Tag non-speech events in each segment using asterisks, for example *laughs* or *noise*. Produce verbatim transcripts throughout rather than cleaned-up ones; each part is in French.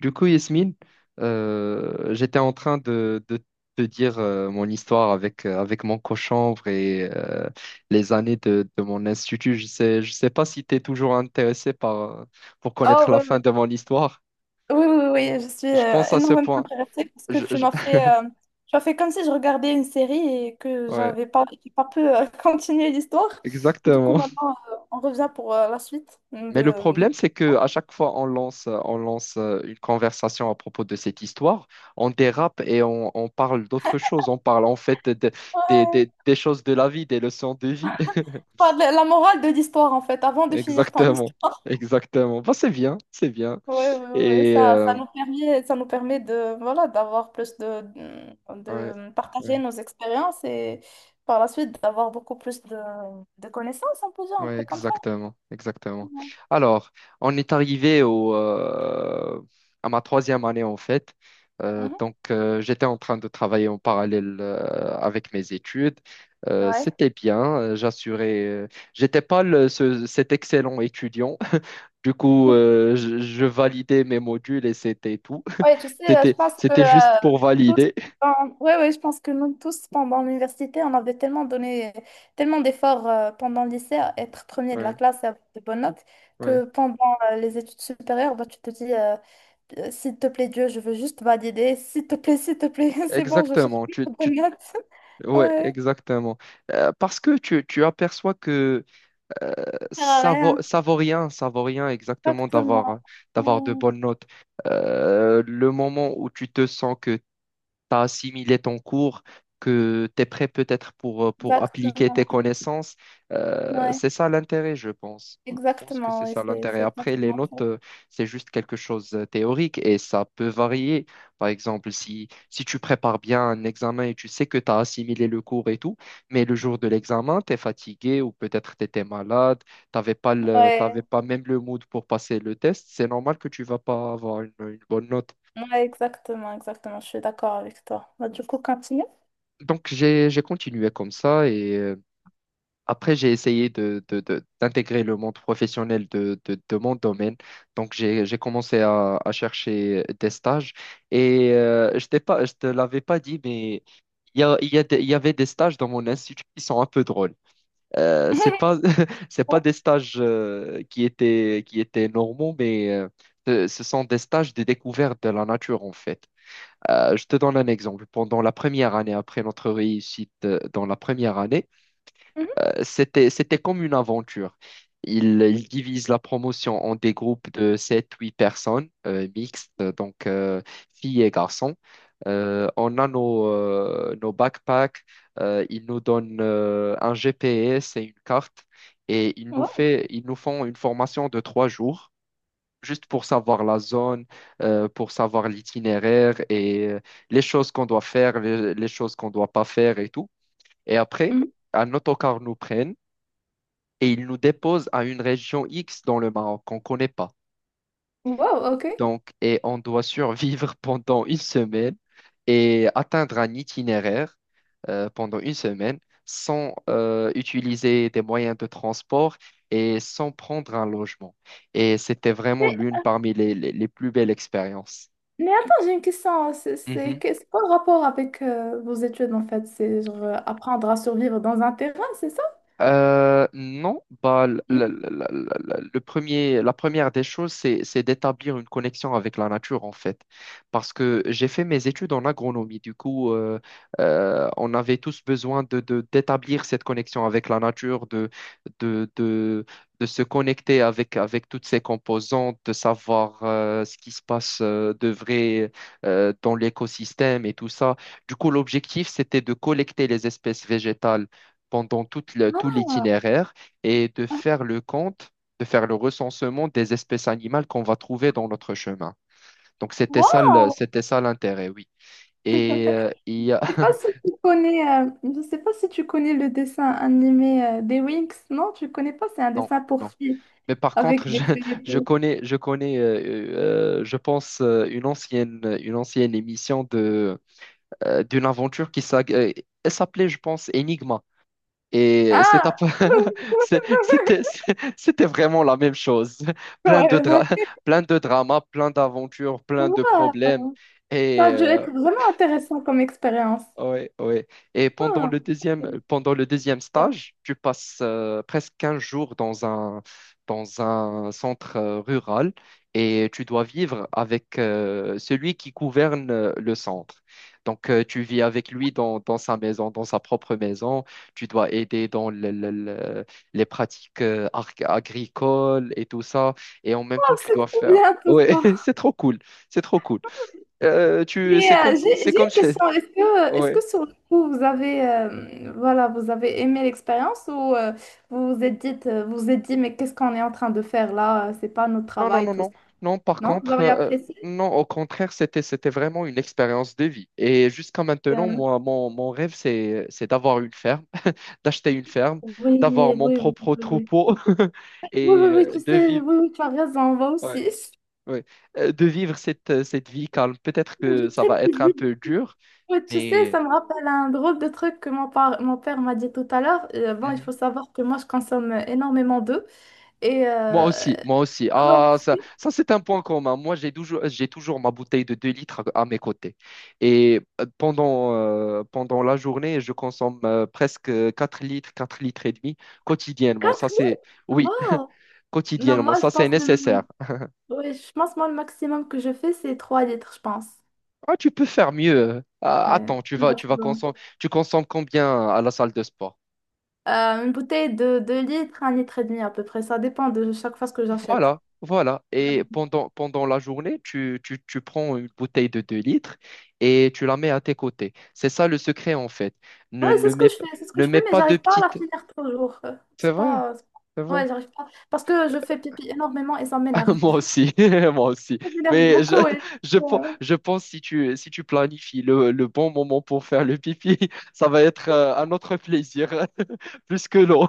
Du coup, Yasmine, euh, j'étais en train de, de te dire euh, mon histoire avec, euh, avec mon cochonvre et euh, les années de, de mon institut. Je sais, je sais pas si tu es toujours intéressé par, euh, pour Oh, connaître oui, la fin de oui, mon histoire. oui, oui, oui, je suis Je euh, pense à ce énormément point. intéressée parce que Je- tu je- m'as *laughs* fait, euh, tu as fait comme si je regardais une série et que Ouais, j'avais pas, j'ai pas pu euh, *laughs* continuer l'histoire. Du coup, exactement. maintenant, euh, on revient pour euh, la suite Mais le de, de- problème, c'est que à chaque fois on lance, euh, on lance euh, une conversation à propos de cette histoire, on dérape et on, on parle d'autres choses. On parle en fait de- des Ouais. des- des choses de la vie, des leçons de vie. Enfin, de la la morale de l'histoire, en fait, avant de finir ton Exactement, histoire. *laughs* exactement. Bah, c'est bien, c'est bien. Oui, oui, oui, Et ça, euh, ça nous permet, ça nous permet de, voilà, d'avoir plus de, ouais, de partager ouais, nos expériences et par la suite d'avoir beaucoup plus de, de connaissances, on peut dire, un ouais, truc comme ça. exactement, exactement. Alors, on est arrivé au, euh, à ma troisième année en fait. Euh, Mhm. donc, euh, j'étais en train de travailler en parallèle euh, avec mes études. Euh, Ouais. C'était bien, euh, j'assurais. euh, j'étais pas le- ce- cet excellent étudiant. *laughs* Du coup, *laughs* euh, je, je validais mes modules et c'était tout. Ouais, tu *laughs* sais, euh, je C'était, pense que c'était juste euh, pour nous tous, valider. pendant- ouais, ouais, je pense que nous tous, pendant l'université, on avait tellement donné, tellement d'efforts euh, pendant le lycée à être premier de la Ouais, classe et avoir de bonnes notes, ouais. que pendant euh, les études supérieures, bah, tu te dis, euh, Euh, s'il te plaît, Dieu, je veux juste valider, s'il te plaît, s'il te plaît, *laughs* c'est bon, je cherche Exactement, plus tu, de tu, bonnes notes. *laughs* ouais, Ouais, exactement. Euh, parce que tu, tu aperçois que euh, ça sert à ça vaut, rien. ça vaut rien, ça vaut rien exactement Exactement. d'avoir, d'avoir de Ouais, bonnes notes. Euh, le moment où tu te sens que tu as assimilé ton cours, que tu es prêt peut-être pour, euh, pour appliquer tes exactement. connaissances. Euh, Ouais, C'est ça l'intérêt, je pense. Je pense que exactement. c'est Ouais, ça c'est l'intérêt. c'est Après, les exactement ça. notes, euh, c'est juste quelque chose de théorique et ça peut varier. Par exemple, si, si tu prépares bien un examen et tu sais que tu as assimilé le cours et tout, mais le jour de l'examen, tu es fatigué ou peut-être tu étais malade, t'avais pas le, t'avais Ouais. pas même le mood pour passer le test, c'est normal que tu vas pas avoir une une bonne note. Ouais, exactement, exactement, je suis d'accord avec toi. Bah, du coup, continue. Donc, j'ai, j'ai continué comme ça et euh, après, j'ai essayé de, de- de- d'intégrer le monde professionnel de, de, de mon domaine. Donc, j'ai, j'ai commencé à, à chercher des stages et euh, je t'ai pas, je te l'avais pas dit, mais il y a, il y a des- il y avait des stages dans mon institut qui sont un peu drôles. Euh, c'est *laughs* pas, *laughs* c'est pas Oh, des stages euh, qui étaient, qui étaient normaux, mais euh, ce ce sont des stages de découverte de la nature, en fait. Euh, je te donne un exemple. Pendant la première année, après notre réussite euh, dans la première année, mhm, euh, c'était, c'était comme une aventure. Ils, ils divisent la promotion en des groupes de sept, huit personnes euh, mixtes, euh, donc euh, filles et garçons. Euh, on a nos, euh, nos backpacks, euh, ils nous donnent euh, un G P S et une carte et ils nous wow, fait, ils nous font une formation de trois jours juste pour savoir la zone, euh, pour savoir l'itinéraire et euh, les choses qu'on doit faire, les, les choses qu'on doit pas faire et tout. Et après, mhm. un autocar nous prenne et il nous dépose à une région X dans le Maroc qu'on connaît pas. Wow, ok. Donc, et on doit survivre *laughs* pendant une semaine et atteindre un itinéraire euh, pendant une semaine sans euh, utiliser des moyens de transport et sans prendre un logement. Et c'était vraiment Mais, l'une parmi les les- les plus belles expériences. mais attends, j'ai une question. C'est c'est Mhm. que- c'est quoi le rapport avec euh, vos études en fait? C'est genre euh, apprendre à survivre dans un terrain, c'est ça? Euh, non, bah, l- l- l- Mhm. l- l- l- le premier, la première des choses, c'est, c'est d'établir une connexion avec la nature, en fait. Parce que j'ai fait mes études en agronomie. Du coup, euh, euh, on avait tous besoin de, de- d'établir cette connexion avec la nature, de, de, de, de se connecter avec, avec toutes ses composantes, de savoir euh, ce qui se passe euh, de vrai euh, dans l'écosystème et tout ça. Du coup, l'objectif, c'était de collecter les espèces végétales pendant toute la- tout Ah, l'itinéraire et de faire le compte, de faire le recensement des espèces animales qu'on va trouver dans notre chemin. Donc c'était ça, le- wow! c'était ça l'intérêt, oui. Et euh, il y a... Je sais pas si *laughs* tu connais, euh, je sais pas si tu connais le dessin animé euh, des Winx, non? Tu connais pas, c'est un Non, dessin pour non. filles Mais par contre, avec des je, feuilles et je tout. connais, je connais, euh, euh, je pense, euh, une ancienne, une ancienne émission de, euh, d'une aventure qui s'ag- euh, elle s'appelait, je pense, Enigma. Et c'est Ah! un peu- *laughs* c'est- *laughs* c'était, c'était vraiment la même chose. Plein de Ouais, ouais. dra- *laughs* Plein de dramas, plein d'aventures, plein de problèmes. Waouh. Ça Et a dû euh, être vraiment intéressant comme expérience. Ouais, ouais. Et pendant Waouh. le deuxième, euh, pendant le deuxième Waouh, stage, tu passes euh, presque quinze jours dans un, dans un centre euh, rural et tu dois vivre avec euh, celui qui gouverne euh, le centre. Donc, euh, tu vis avec lui dans, dans sa maison, dans sa propre maison. Tu dois aider dans le- le- le- les pratiques euh, arc- agricoles et tout ça. Et en même temps, tu c'est dois trop faire... bien tout Ouais, *laughs* ça. c'est trop cool. C'est trop cool. Euh, tu, Mais C'est comme, euh, j'ai c'est j'ai comme, une question. Est-ce *laughs* que, est-ce ouais. que sur le coup, vous avez, euh, voilà, vous avez aimé l'expérience ou euh, vous vous êtes dit, euh, vous vous êtes dit, mais qu'est-ce qu'on est en train de faire là? C'est pas notre Non, non, travail, non, tout non. ça. Non, par Non? Vous contre, avez euh, euh, apprécié? non, au contraire, c'était, c'était vraiment une expérience de vie. Et jusqu'à maintenant, Euh, moi, mon, mon rêve, c'est, c'est d'avoir une ferme, *laughs* d'acheter une ferme, oui, oui, d'avoir mon oui, propre oui, oui. troupeau *laughs* Oui, et oui, oui, euh, tu de sais, vivre, oui, oui, tu as raison, moi ouais, aussi. *laughs* ouais, Euh, de vivre cette, cette vie calme. Peut-être Une que vie ça très va être un paisible. peu dur, Ouais, tu sais, mais... ça me rappelle un drôle de truc que mon, par- mon père m'a dit tout à l'heure. Euh, bon, il faut Mhm. savoir que moi, je consomme énormément d'eau. Et Moi euh... aussi, moi aussi. oh, Ah, ça, ça c'est un point commun. Moi, j'ai toujours, j'ai toujours ma bouteille de deux litres à, à mes côtés. Et euh, pendant, euh, pendant la journée, je consomme euh, presque quatre litres, quatre litres et demi quotidiennement. quatre Ça, c'est, litres? oui, Wow! *laughs* Non, quotidiennement. moi, je Ça, c'est pense nécessaire. le... ouais, je pense moi, le maximum que je fais, c'est trois litres, je pense. Ah, tu peux faire mieux. Ah, Ouais. attends, tu Non, vas, tu c'est vas bon. consommer, tu consommes combien à la salle de sport? Euh, une bouteille de deux litres, un litre et demi à peu près. Ça dépend de chaque fois ce que j'achète. Voilà, voilà. Et pendant, pendant la journée, tu, tu, tu prends une bouteille de deux litres et tu la mets à tes côtés. C'est ça le secret, en fait. Ouais, Ne, c'est ne ce que mets, je p- fais, c'est ce que Ne je mets fais, mais pas de j'arrive pas à la petites. finir toujours. Euh, C'est C'est vrai, pas, c'est c'est pas- vrai. ouais, *laughs* j'arrive pas. Parce que je fais pipi énormément et ça Ah, m'énerve. moi aussi, *laughs* moi aussi. Ça m'énerve Mais je, beaucoup. et, je, pen- euh, je pense si tu, si tu planifies le, le bon moment pour faire le pipi, *laughs* ça va être euh, un autre plaisir, *laughs* plus que l'eau.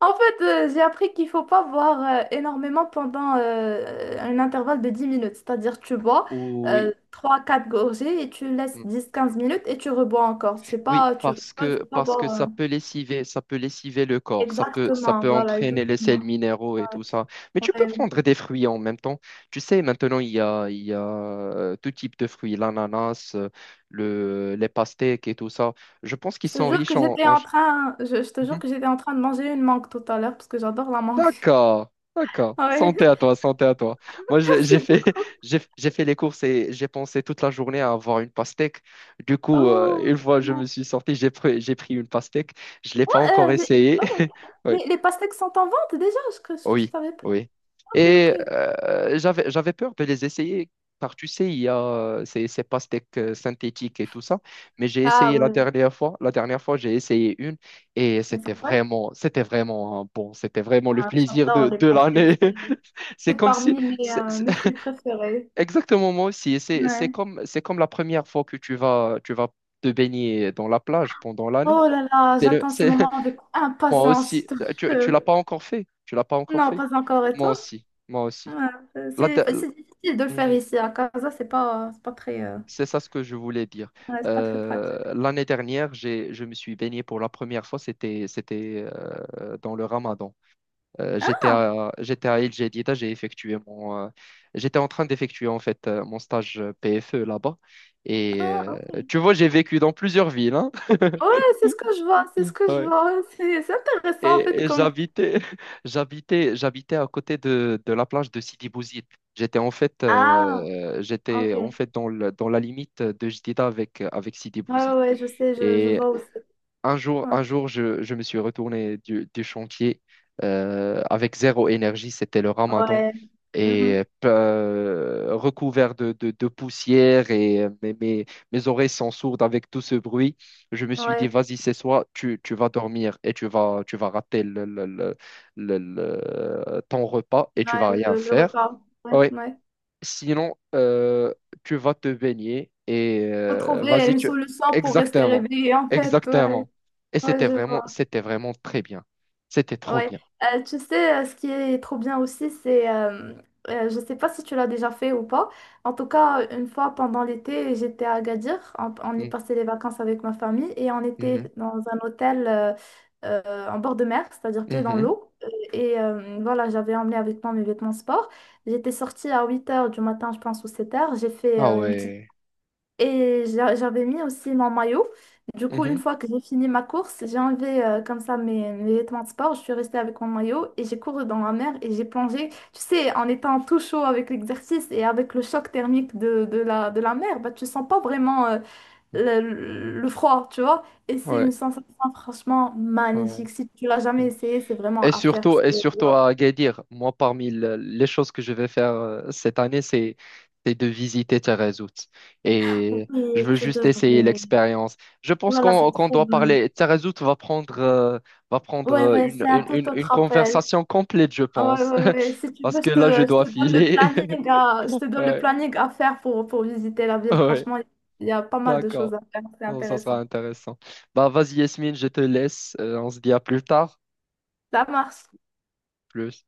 En fait, euh, j'ai appris qu'il faut pas boire euh, énormément pendant euh, un intervalle de dix minutes. C'est-à-dire, tu bois Oui. euh, trois quatre gorgées et tu laisses dix quinze minutes et tu rebois encore. C'est Oui, pas, tu... ouais, parce que, c'est pas parce que boire. ça euh, peut lessiver, ça peut lessiver le corps, ça peut, ça Exactement, peut voilà, entraîner les sels exactement. minéraux Ouais, et tout ça. Mais tu peux ouais. prendre des fruits en même temps. Tu sais, maintenant, il y a, il y a euh, tout type de fruits, l'ananas, euh, le, les pastèques et tout ça. Je pense qu'ils Je te sont jure que riches en... j'étais en... en train, je, je te jure Mhm. que j'étais en train de manger une mangue tout à l'heure parce que j'adore la mangue. *laughs* D'accord, d'accord. Ouais, Santé à toi, santé à toi. Moi, *laughs* j'ai j'ai merci fait, beaucoup. *laughs* j'ai j'ai fait les courses et j'ai pensé toute la journée à avoir une pastèque. Du coup, euh, Oh, une fois je ouais. me suis sorti, j'ai pris, j'ai pris une pastèque. Je ne l'ai Oh, pas encore euh, les, essayé. oh, *laughs* Oui, les, les pastèques sont en vente déjà, je, que je oui, savais pas. oui. Ok, ok. Et euh, j'avais, j'avais peur de les essayer car tu sais, il y a euh, ces, ces pastèques euh, synthétiques et tout ça. Mais j'ai Ah essayé la ouais, dernière fois. La dernière fois, j'ai essayé une. Et elles sont c'était bonnes. vraiment, c'était vraiment hein, bon, c'était vraiment le Ah, plaisir j'adore de, les de pastèques, l'année. c'est *laughs* C'est c'est comme si, parmi mes, c'est- euh, c'est- mes fruits *laughs* préférés. Exactement moi aussi, c'est c'est Ouais. comme, c'est comme la première fois que tu vas, tu vas te baigner dans la plage pendant l'année. Oh là là, C'est le, j'attends ce c'est, moment avec *laughs* Moi impatience, aussi, je te tu, tu jure. l'as pas encore fait, tu l'as pas encore Non, fait. pas encore, et Moi toi? aussi, moi Ouais, aussi. euh, La c'est de- c'est difficile de le faire Mhm. ici à Casa, c'est pas, c'est pas très. euh, C'est ça ce que je voulais dire. Ouais, c'est pas très pratique. Euh, l'année dernière, j'ai, je me suis baigné pour la première fois, c'était, c'était euh, dans le Ramadan. Euh, j'étais Ah, à, j'étais à Il Jadida, j'ai effectué mon, euh, j'étais en train d'effectuer en fait euh, mon stage euh, P F E là-bas. Et ah, euh, ok. Tu vois, j'ai vécu dans plusieurs villes, hein. Ouais, *laughs* c'est ce que je vois, c'est ce que je Ouais. vois. *laughs* C'est c'est intéressant en fait Et, et comme... j'habitais, *laughs* j'habitais, j'habitais à côté de, de la plage de Sidi Bouzid. J'étais en fait, Ah, euh, J'étais ok. en Ouais, fait dans, le- dans la limite de Jadida avec, avec Sidi ouais, Bouzid. ouais, je sais, je, je Et vois aussi. Un jour, Ouais, un jour, je, je me suis retourné du, du chantier euh, avec zéro énergie, c'était le ramadan, Ouais. et Mhm. euh, recouvert de, de- de poussière et euh, mes, mes, mes oreilles sont sourdes avec tout ce bruit. Je me suis dit, Ouais, vas-y, c'est soit tu, tu vas dormir et tu vas, tu vas rater le, le- le- le- le- ton repas et tu ouais, vas rien le, le faire. repas. Ouais. Oui. Ouais. Sinon, euh, tu vas te baigner et euh, Retrouver vas-y, une tu... solution pour rester Exactement, réveillé en fait. Ouais, exactement. Et ouais, c'était je vraiment, vois. c'était vraiment très bien. C'était trop Ouais, bien. euh, tu sais, euh, ce qui est trop bien aussi, c'est, euh, euh, je sais pas si tu l'as déjà fait ou pas. En tout cas, une fois pendant l'été, j'étais à Agadir. On, on y Mm, passait les vacances avec ma famille et on était mhm, dans un hôtel euh, euh, en bord de mer, c'est-à-dire pied dans mhm. l'eau. Euh, Et euh, voilà, j'avais emmené avec moi mes vêtements sport. J'étais sortie à huit heures du matin, je pense, ou sept heures. J'ai fait Ah euh, une petite, ouais. et j'a- j'avais mis aussi mon maillot. Du coup, une Mhm, fois que j'ai fini ma course, j'ai enlevé euh, comme ça mes, mes vêtements de sport. Je suis restée avec mon maillot et j'ai couru dans la mer et j'ai plongé. Tu sais, en étant tout chaud avec l'exercice et avec le choc thermique de, de la, de la mer, bah, tu sens pas vraiment euh, mhm. le, le froid, tu vois. Et c'est Ouais, une sensation franchement ouais. magnifique. Si tu l'as jamais essayé, c'est vraiment Et à faire. Surtout, parce et que, surtout wow. à Agadir, moi, parmi le- les choses que je vais faire euh, cette année, c'est c'est de visiter Taghazout. Et je Oui, veux tu juste devrais. essayer l'expérience. Je Ouh pense là là, c'est qu'on qu'on trop doit bien. parler. Taghazout va prendre, euh, va prendre Ouais, euh, ouais, une, c'est un une, tout une, une autre appel. conversation complète, je Ah ouais, pense. ouais, ouais. *laughs* Si tu Parce veux, je que te, là, je je dois te donne le filer. planning à, je *laughs* te donne le Ouais, planning à faire pour, pour visiter la ville. ouais, Franchement, il y a pas mal de choses d'accord. à faire. C'est Bon, ça sera intéressant. intéressant. Bah, vas-y, Yasmine, je te laisse. Euh, on se dit à plus tard. Ça marche. Plus.